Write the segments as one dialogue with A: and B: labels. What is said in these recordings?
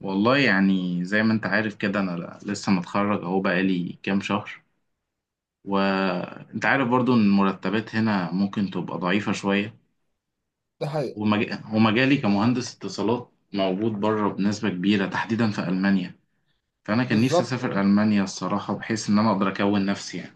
A: والله يعني زي ما انت عارف كده، انا لسه متخرج اهو بقالي كام شهر. وانت عارف برضو ان المرتبات هنا ممكن تبقى ضعيفة شوية.
B: ده حقيقي.
A: ومجالي كمهندس اتصالات موجود بره بنسبة كبيرة تحديدا في ألمانيا. فأنا كان نفسي
B: بالظبط،
A: أسافر ألمانيا الصراحة، بحيث إن أنا أقدر أكون نفسي يعني.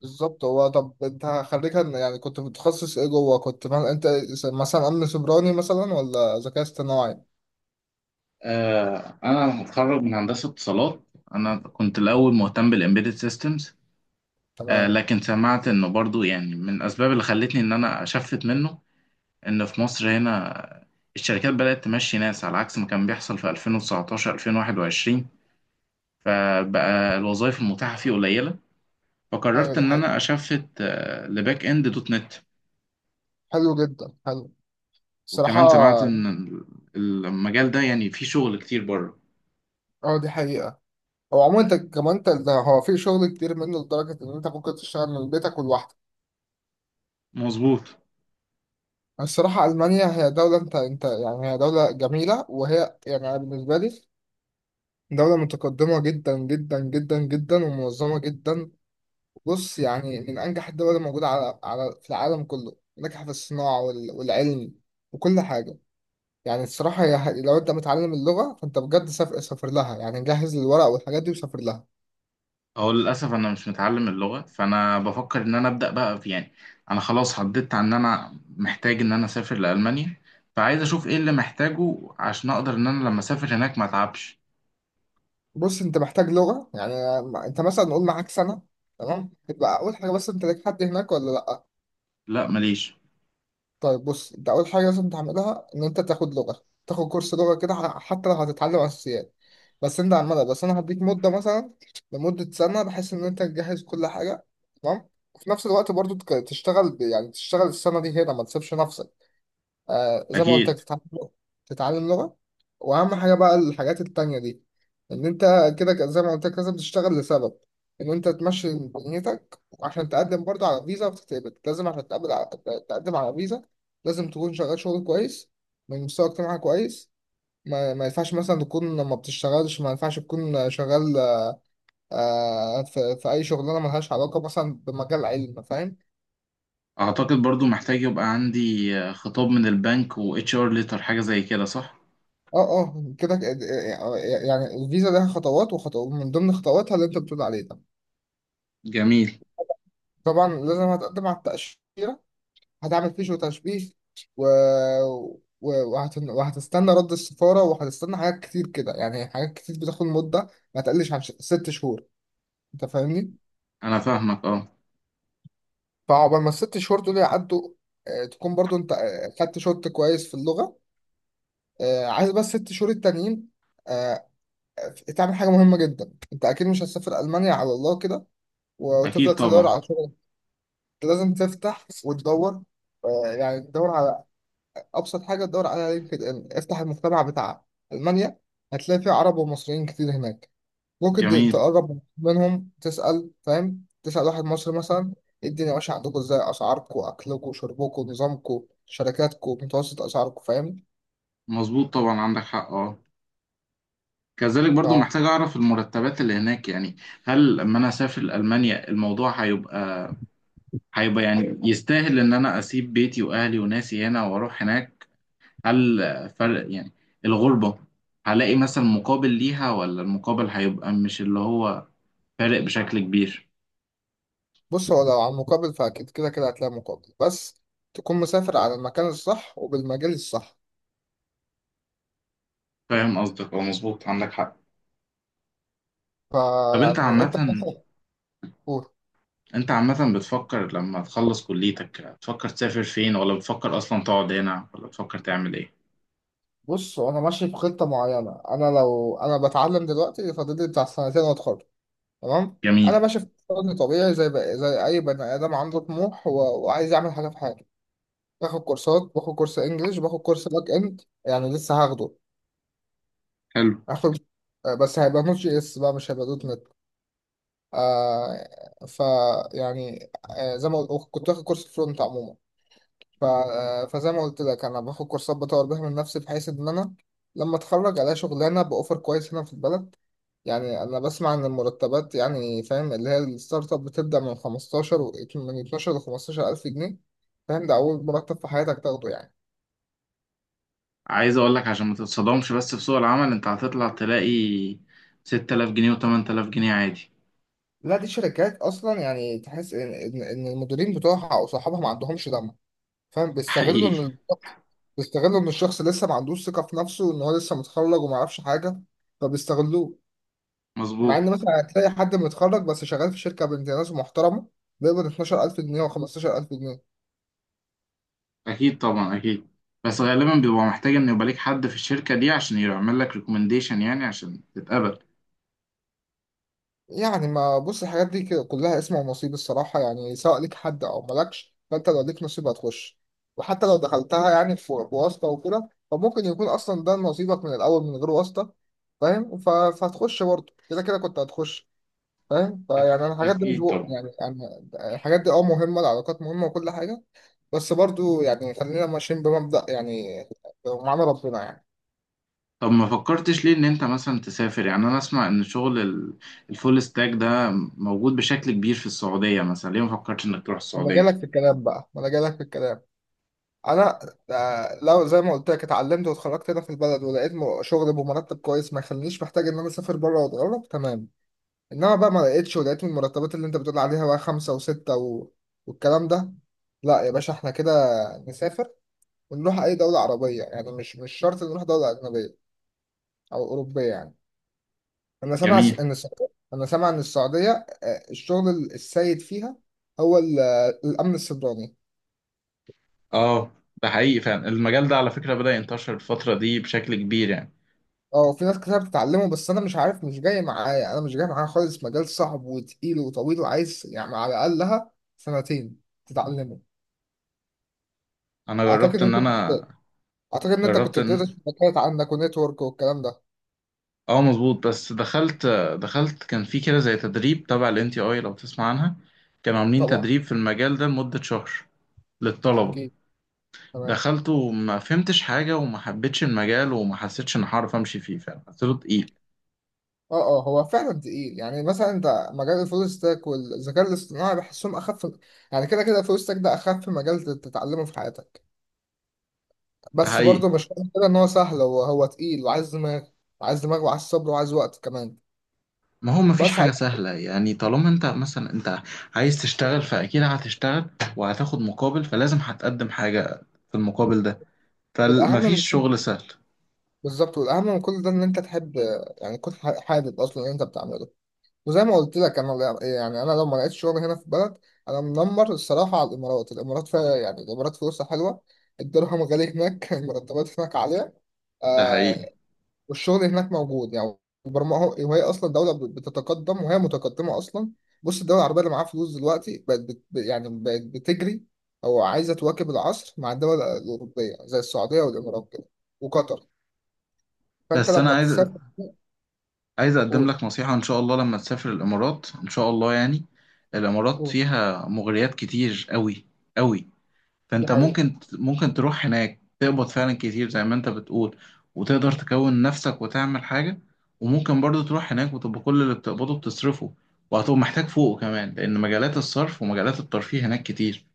B: بالظبط. هو طب انت خريجها، يعني كنت متخصص ايه جوه؟ كنت فاهم انت مثلا امن سيبراني مثلا ولا ذكاء اصطناعي؟
A: آه، أنا متخرج من هندسة اتصالات. أنا كنت الأول مهتم بالإمبيدد سيستمز. آه،
B: تمام.
A: لكن سمعت إنه برضو يعني من الأسباب اللي خلتني إن أنا أشفت منه، إن في مصر هنا الشركات بدأت تمشي ناس على عكس ما كان بيحصل في 2019 2021. فبقى الوظائف المتاحة فيه قليلة.
B: ايوه
A: فقررت
B: دي
A: إن
B: حقيقة.
A: أنا أشفت لباك إند دوت نت.
B: حلو جدا، حلو الصراحة.
A: وكمان سمعت إن المجال ده يعني فيه شغل كتير بره.
B: اه دي حقيقة. هو عموما انت كمان، انت ده هو في شغل كتير منه لدرجة ان انت ممكن تشتغل من بيتك ولوحدك.
A: مظبوط.
B: الصراحة ألمانيا هي دولة، انت يعني هي دولة جميلة، وهي يعني أنا بالنسبة لي دولة متقدمة جدا جدا جدا جدا ومنظمة جدا. بص، يعني من أنجح الدول الموجودة على في العالم كله، ناجحة في الصناعة والعلم وكل حاجة. يعني الصراحة هي لو أنت متعلم اللغة فأنت بجد سافر، سافر لها. يعني جهز الورق والحاجات دي وسافر لها.
A: هو للأسف أنا مش متعلم اللغة، فأنا بفكر إن أنا أبدأ بقى في يعني. أنا خلاص حددت عن إن أنا محتاج إن أنا أسافر لألمانيا. فعايز أشوف إيه اللي محتاجه عشان أقدر إن أنا لما أسافر هناك ما أتعبش.
B: بص أنت محتاج لغة، يعني أنت مثلا نقول معاك سنة، تمام؟ تبقى أول حاجة، بس أنت ليك حد هناك ولا لأ؟
A: لا ماليش.
B: طيب بص، انت اول حاجه لازم تعملها ان انت تاخد لغه، تاخد كورس لغه كده. حتى لو هتتعلم اساسيات، بس انت على المدى، انا هديك مده مثلا لمده سنه بحيث ان انت تجهز كل حاجه. تمام؟ وفي نفس الوقت برضو تشتغل، يعني تشتغل السنه دي هنا، ما تسيبش نفسك. آه زي ما قلت لك،
A: اكيد.
B: تتعلم لغة، تتعلم لغة. وأهم حاجة بقى الحاجات التانية دي، إن أنت كده، زي ما قلت لك لازم تشتغل لسبب إن أنت تمشي دنيتك، وعشان تقدم برضه على فيزا وتتقبل. لازم عشان تقبل على... تقدم على فيزا، لازم تكون شغال شغل كويس، من مستوى اجتماعي كويس. ما ينفعش مثلا تكون ما بتشتغلش، ما ينفعش تكون شغال في أي شغلانة ملهاش علاقة مثلا بمجال علم، فاهم؟
A: اعتقد برضو محتاج يبقى عندي خطاب من البنك و اتش ار ليتر حاجه زي كده، صح؟
B: اه اه، كده، يعني الفيزا لها خطوات، وخطوات من ضمن خطواتها اللي انت بتقول عليه ده.
A: جميل.
B: طبعا لازم هتقدم على التأشيرة، هتعمل فيزيو تشبيه، و... وهتستنى رد السفارة، وهتستنى حاجات كتير كده. يعني حاجات كتير بتاخد مدة ما تقلش عن ست شهور، انت فاهمني؟
A: انا فاهمك اه.
B: فعقبال ما الست شهور دول يعدوا، تكون برضو انت خدت شوط كويس في اللغة. عايز بس ست شهور التانيين آه، تعمل حاجة مهمة جدا. انت اكيد مش هتسافر ألمانيا على الله كده
A: اكيد
B: وتفضل تدور
A: طبعا.
B: على شغل. انت لازم تفتح وتدور، يعني تدور على ابسط حاجه، تدور على لينكد ان، افتح المجتمع بتاع المانيا، هتلاقي فيه عرب ومصريين كتير هناك. ممكن
A: جميل.
B: تقرب منهم تسال، فاهم؟ تسال واحد مصري مثلا، إيه الدنيا ماشيه عندكم؟ ازاي اسعاركم، اكلكم، شربكم، نظامكم، شركاتكم، متوسط اسعاركم، فاهم؟
A: مظبوط طبعا عندك حق اه. كذلك برضو محتاج اعرف المرتبات اللي هناك يعني. هل لما انا اسافر المانيا الموضوع هيبقى يعني يستاهل ان انا اسيب بيتي واهلي وناسي هنا واروح هناك؟ هل فرق يعني الغربه هلاقي مثلا مقابل ليها، ولا المقابل هيبقى مش اللي هو فارق بشكل كبير؟
B: فبص، هو لو على المقابل، فاكيد كده كده هتلاقي مقابل، بس تكون مسافر على المكان الصح وبالمجال الصح.
A: فاهم قصدك اه، مظبوط عندك حق. طب انت
B: فيعني انت
A: عامة،
B: مثلا...
A: بتفكر لما تخلص كليتك تفكر تسافر فين، ولا بتفكر اصلا تقعد هنا، ولا بتفكر تعمل ايه؟
B: بص، هو انا ماشي في خطه معينه. انا لو انا بتعلم دلوقتي، فاضل لي بتاع سنتين واتخرج، تمام؟ انا
A: جميل.
B: ماشي في وضع طبيعي زي بقى زي اي بني ادم، عنده طموح وعايز يعمل حاجه في حياته. باخد كورسات، باخد كورس انجليش، باخد كورس باك اند يعني لسه هاخده.
A: حلو.
B: هاخد بس هيبقى نوت جي اس بقى، مش هيبقى دوت نت. آه ف يعني آه زي ما قلت كنت واخد كورس فرونت عموما. ف... آه فزي ما قلت لك انا باخد كورسات بطور بيها من نفسي، بحيث ان انا لما اتخرج الاقي شغلانه باوفر كويس هنا في البلد. يعني انا بسمع ان المرتبات يعني فاهم، اللي هي الستارت اب بتبدا من 15 من 12 ل 15 الف جنيه، فاهم؟ ده اول مرتب في حياتك تاخده يعني.
A: عايز اقول لك عشان ما تتصدمش، بس في سوق العمل انت هتطلع تلاقي 6000 جنيه و8000 جنيه عادي.
B: لا دي شركات اصلا يعني تحس ان إن المديرين بتوعها او صحابها ما عندهمش دم، فاهم؟
A: حقيقي.
B: بيستغلوا ان الشخص لسه ما عندوش ثقه في نفسه، ان هو لسه متخرج وما يعرفش حاجه، فبيستغلوه. مع
A: مظبوط.
B: ان مثلا هتلاقي حد متخرج بس شغال في شركه بنت ناس محترمه، بيقبض 12000 جنيه و15000 جنيه
A: اكيد طبعا اكيد. بس غالبا بيبقى محتاج ان يبقى ليك حد في الشركة دي عشان يعمل لك ريكومنديشن يعني عشان تتقبل.
B: يعني. ما بص، الحاجات دي كده كلها اسم ونصيب الصراحة. يعني سواء ليك حد أو مالكش، فأنت لو ليك نصيب هتخش. وحتى لو دخلتها يعني في بواسطة وكده، فممكن يكون أصلا ده نصيبك من الأول من غير واسطة، فاهم؟ فهتخش برضه، كده كده كنت هتخش، فاهم؟ فيعني
A: أكيد
B: أنا الحاجات دي مش
A: أكيد
B: بق...
A: طبعا.
B: يعني يعني الحاجات دي أه مهمة، العلاقات مهمة وكل حاجة. بس برضه يعني خلينا ماشيين بمبدأ يعني، معانا ربنا يعني.
A: طب ما فكرتش ليه ان انت مثلا تسافر؟ يعني انا اسمع ان شغل الفول ستاك ده موجود بشكل كبير في السعودية، مثلا ليه ما فكرتش انك تروح
B: ما أنا
A: السعودية؟
B: جالك في الكلام بقى، ما أنا جالك في الكلام. انا آه، لو زي ما قلت لك اتعلمت واتخرجت هنا في البلد، ولقيت شغل بمرتب كويس ما يخلينيش محتاج ان انا اسافر بره واتغرب، تمام. انما بقى ما لقيتش، ولقيت من المرتبات اللي انت بتقول عليها بقى خمسة وستة والكلام ده، لا يا باشا احنا كده نسافر، ونروح اي دولة عربية. يعني مش مش شرط نروح دولة اجنبية او اوروبية يعني. انا سامع س-
A: جميل
B: ان السعودية انا سامع ان السعودية الشغل السيد فيها هو الامن السيبراني.
A: اه. ده حقيقي فعلا، المجال ده على فكرة بدأ ينتشر الفترة دي بشكل كبير يعني.
B: اه في ناس كتير بتتعلمه، بس انا مش عارف، مش جاي معايا، انا مش جاي معايا خالص. مجال صعب وتقيل وطويل، وعايز يعني على الاقلها سنتين تتعلمه. اعتقد ان انت
A: انا
B: كنت اعتقد ان انت
A: جربت
B: كنت بتدرس
A: ان
B: شبكات عندك ونتورك والكلام ده.
A: اه مظبوط، بس دخلت كان في كده زي تدريب تبع ال NTI لو تسمع عنها. كانوا عاملين
B: طبعا،
A: تدريب في المجال ده لمدة شهر للطلبة.
B: اكيد، تمام.
A: دخلته وما فهمتش حاجة وما حبيتش المجال وما حسيتش إن هعرف أمشي فيه، فعلا حسيته تقيل.
B: اه اه، هو فعلا تقيل. يعني مثلا انت، مجال الفول ستاك والذكاء الاصطناعي، بحسهم اخف. يعني كده كده الفول ستاك ده اخف مجال تتعلمه في حياتك.
A: ده
B: بس
A: حقيقي.
B: برضه مش معنى كده ان هو سهل، هو تقيل وعايز دماغ، وعايز دماغ وعايز صبر وعايز وقت كمان.
A: ما هو مفيش
B: بس
A: حاجة
B: على
A: سهلة يعني، طالما أنت مثلا أنت عايز تشتغل فأكيد هتشتغل وهتاخد مقابل، فلازم هتقدم حاجة في المقابل ده،
B: والأهم من...
A: فمفيش شغل سهل.
B: بالظبط، والاهم من كل ده ان انت تحب، يعني تكون حابب اصلا اللي انت بتعمله. وزي ما قلت لك انا، يعني انا لو ما لقيتش شغل هنا في البلد، انا منمر الصراحه على الامارات. الامارات فيها يعني، الامارات فلوسها حلوه، الدرهم غالي هناك المرتبات هناك عاليه
A: ده
B: آه،
A: حقيقي.
B: والشغل هناك موجود يعني، البرمجه. وهي اصلا دوله بتتقدم، وهي متقدمه اصلا. بص الدول العربيه اللي معاها فلوس دلوقتي بقت يعني بقت بتجري او عايزه تواكب العصر مع الدول الاوروبيه، زي السعوديه والامارات كده وقطر. فانت
A: بس أنا
B: لما
A: عايز،
B: تسافر...
A: أقدم
B: قول،
A: لك نصيحة إن شاء الله، لما تسافر الإمارات إن شاء الله يعني. الإمارات
B: قول.
A: فيها مغريات كتير أوي أوي.
B: دي
A: فانت
B: حقيقة.
A: ممكن، تروح هناك تقبض فعلا كتير زي ما انت بتقول، وتقدر تكون نفسك وتعمل حاجة. وممكن برضو تروح هناك وتبقى كل اللي بتقبضه بتصرفه، وهتبقى محتاج فوقه كمان لأن مجالات الصرف ومجالات الترفيه هناك كتير.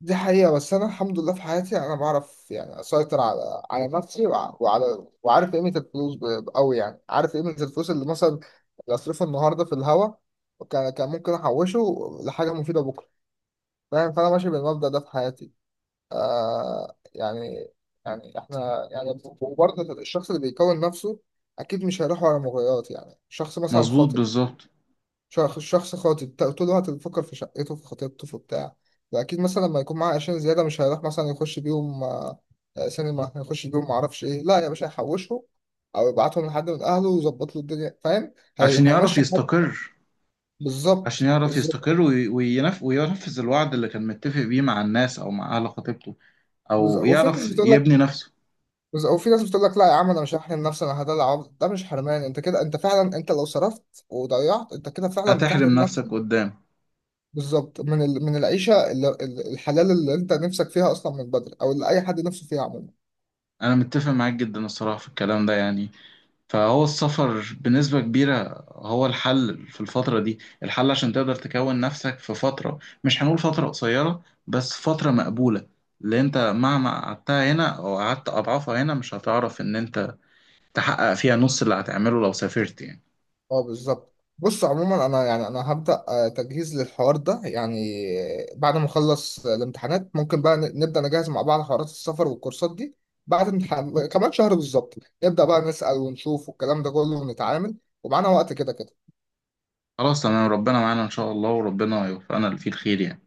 B: دي حقيقة، بس أنا الحمد لله في حياتي أنا بعرف يعني أسيطر على نفسي، وع- وعلى وعارف قيمة الفلوس أوي، يعني عارف قيمة الفلوس اللي مثلا اللي أصرفها النهاردة في الهوا، كان كان ممكن أحوشه لحاجة مفيدة بكرة، فاهم؟ فأنا ماشي بالمبدأ ده في حياتي آه. إحنا يعني، وبرضه الشخص اللي بيكون نفسه أكيد مش هيروح ورا مغريات. يعني شخص مثلا
A: مظبوط
B: خاطب،
A: بالظبط.
B: شخص خاطب، طول الوقت بيفكر في شقته، في خطيبته، في بتاع. فأكيد مثلا لما يكون معاه عشان زيادة، مش هيروح مثلا يخش بيهم سينما، هيخش بيهم معرفش إيه. لا يا باشا هيحوشهم، أو يبعتهم لحد من أهله ويظبط له الدنيا، فاهم؟
A: عشان يعرف
B: هيمشي حاله.
A: يستقر. عشان
B: بالظبط،
A: يعرف
B: بالظبط.
A: يستقر وينفذ الوعد اللي كان متفق بيه مع الناس أو مع أهل خطيبته،
B: بز-
A: أو
B: وفي ناس
A: يعرف
B: بتقول لك
A: يبني نفسه.
B: وفي ناس بتقول لك لا يا عم، انا مش هحرم نفسي، انا هدلع عمري. ده مش حرمان، انت كده انت فعلا، انت لو صرفت وضيعت انت كده فعلا
A: هتحرم
B: بتحرم
A: نفسك
B: نفسك.
A: قدام.
B: بالظبط، من العيشه الحلال اللي انت نفسك فيها اصلا من بدري، او اللي اي حد نفسه فيها عموما.
A: أنا متفق معاك جدا الصراحة في الكلام ده يعني. فهو السفر بنسبة كبيرة هو الحل في الفترة دي، الحل عشان تقدر تكون نفسك في فترة مش هنقول فترة قصيرة بس فترة مقبولة، اللي انت مهما قعدتها هنا او قعدت اضعافها هنا مش هتعرف ان انت تحقق فيها نص اللي هتعمله لو سافرت يعني.
B: اه بالظبط. بص عموما انا يعني انا هبدا تجهيز للحوار ده يعني. بعد ما اخلص الامتحانات، ممكن بقى نبدا نجهز مع بعض حوارات السفر والكورسات دي، بعد امتحان كمان شهر بالظبط. نبدا بقى نسال ونشوف والكلام ده كله ونتعامل، ومعانا وقت كده كده.
A: خلاص تمام، ربنا معانا ان شاء الله وربنا يوفقنا اللي فيه الخير يعني.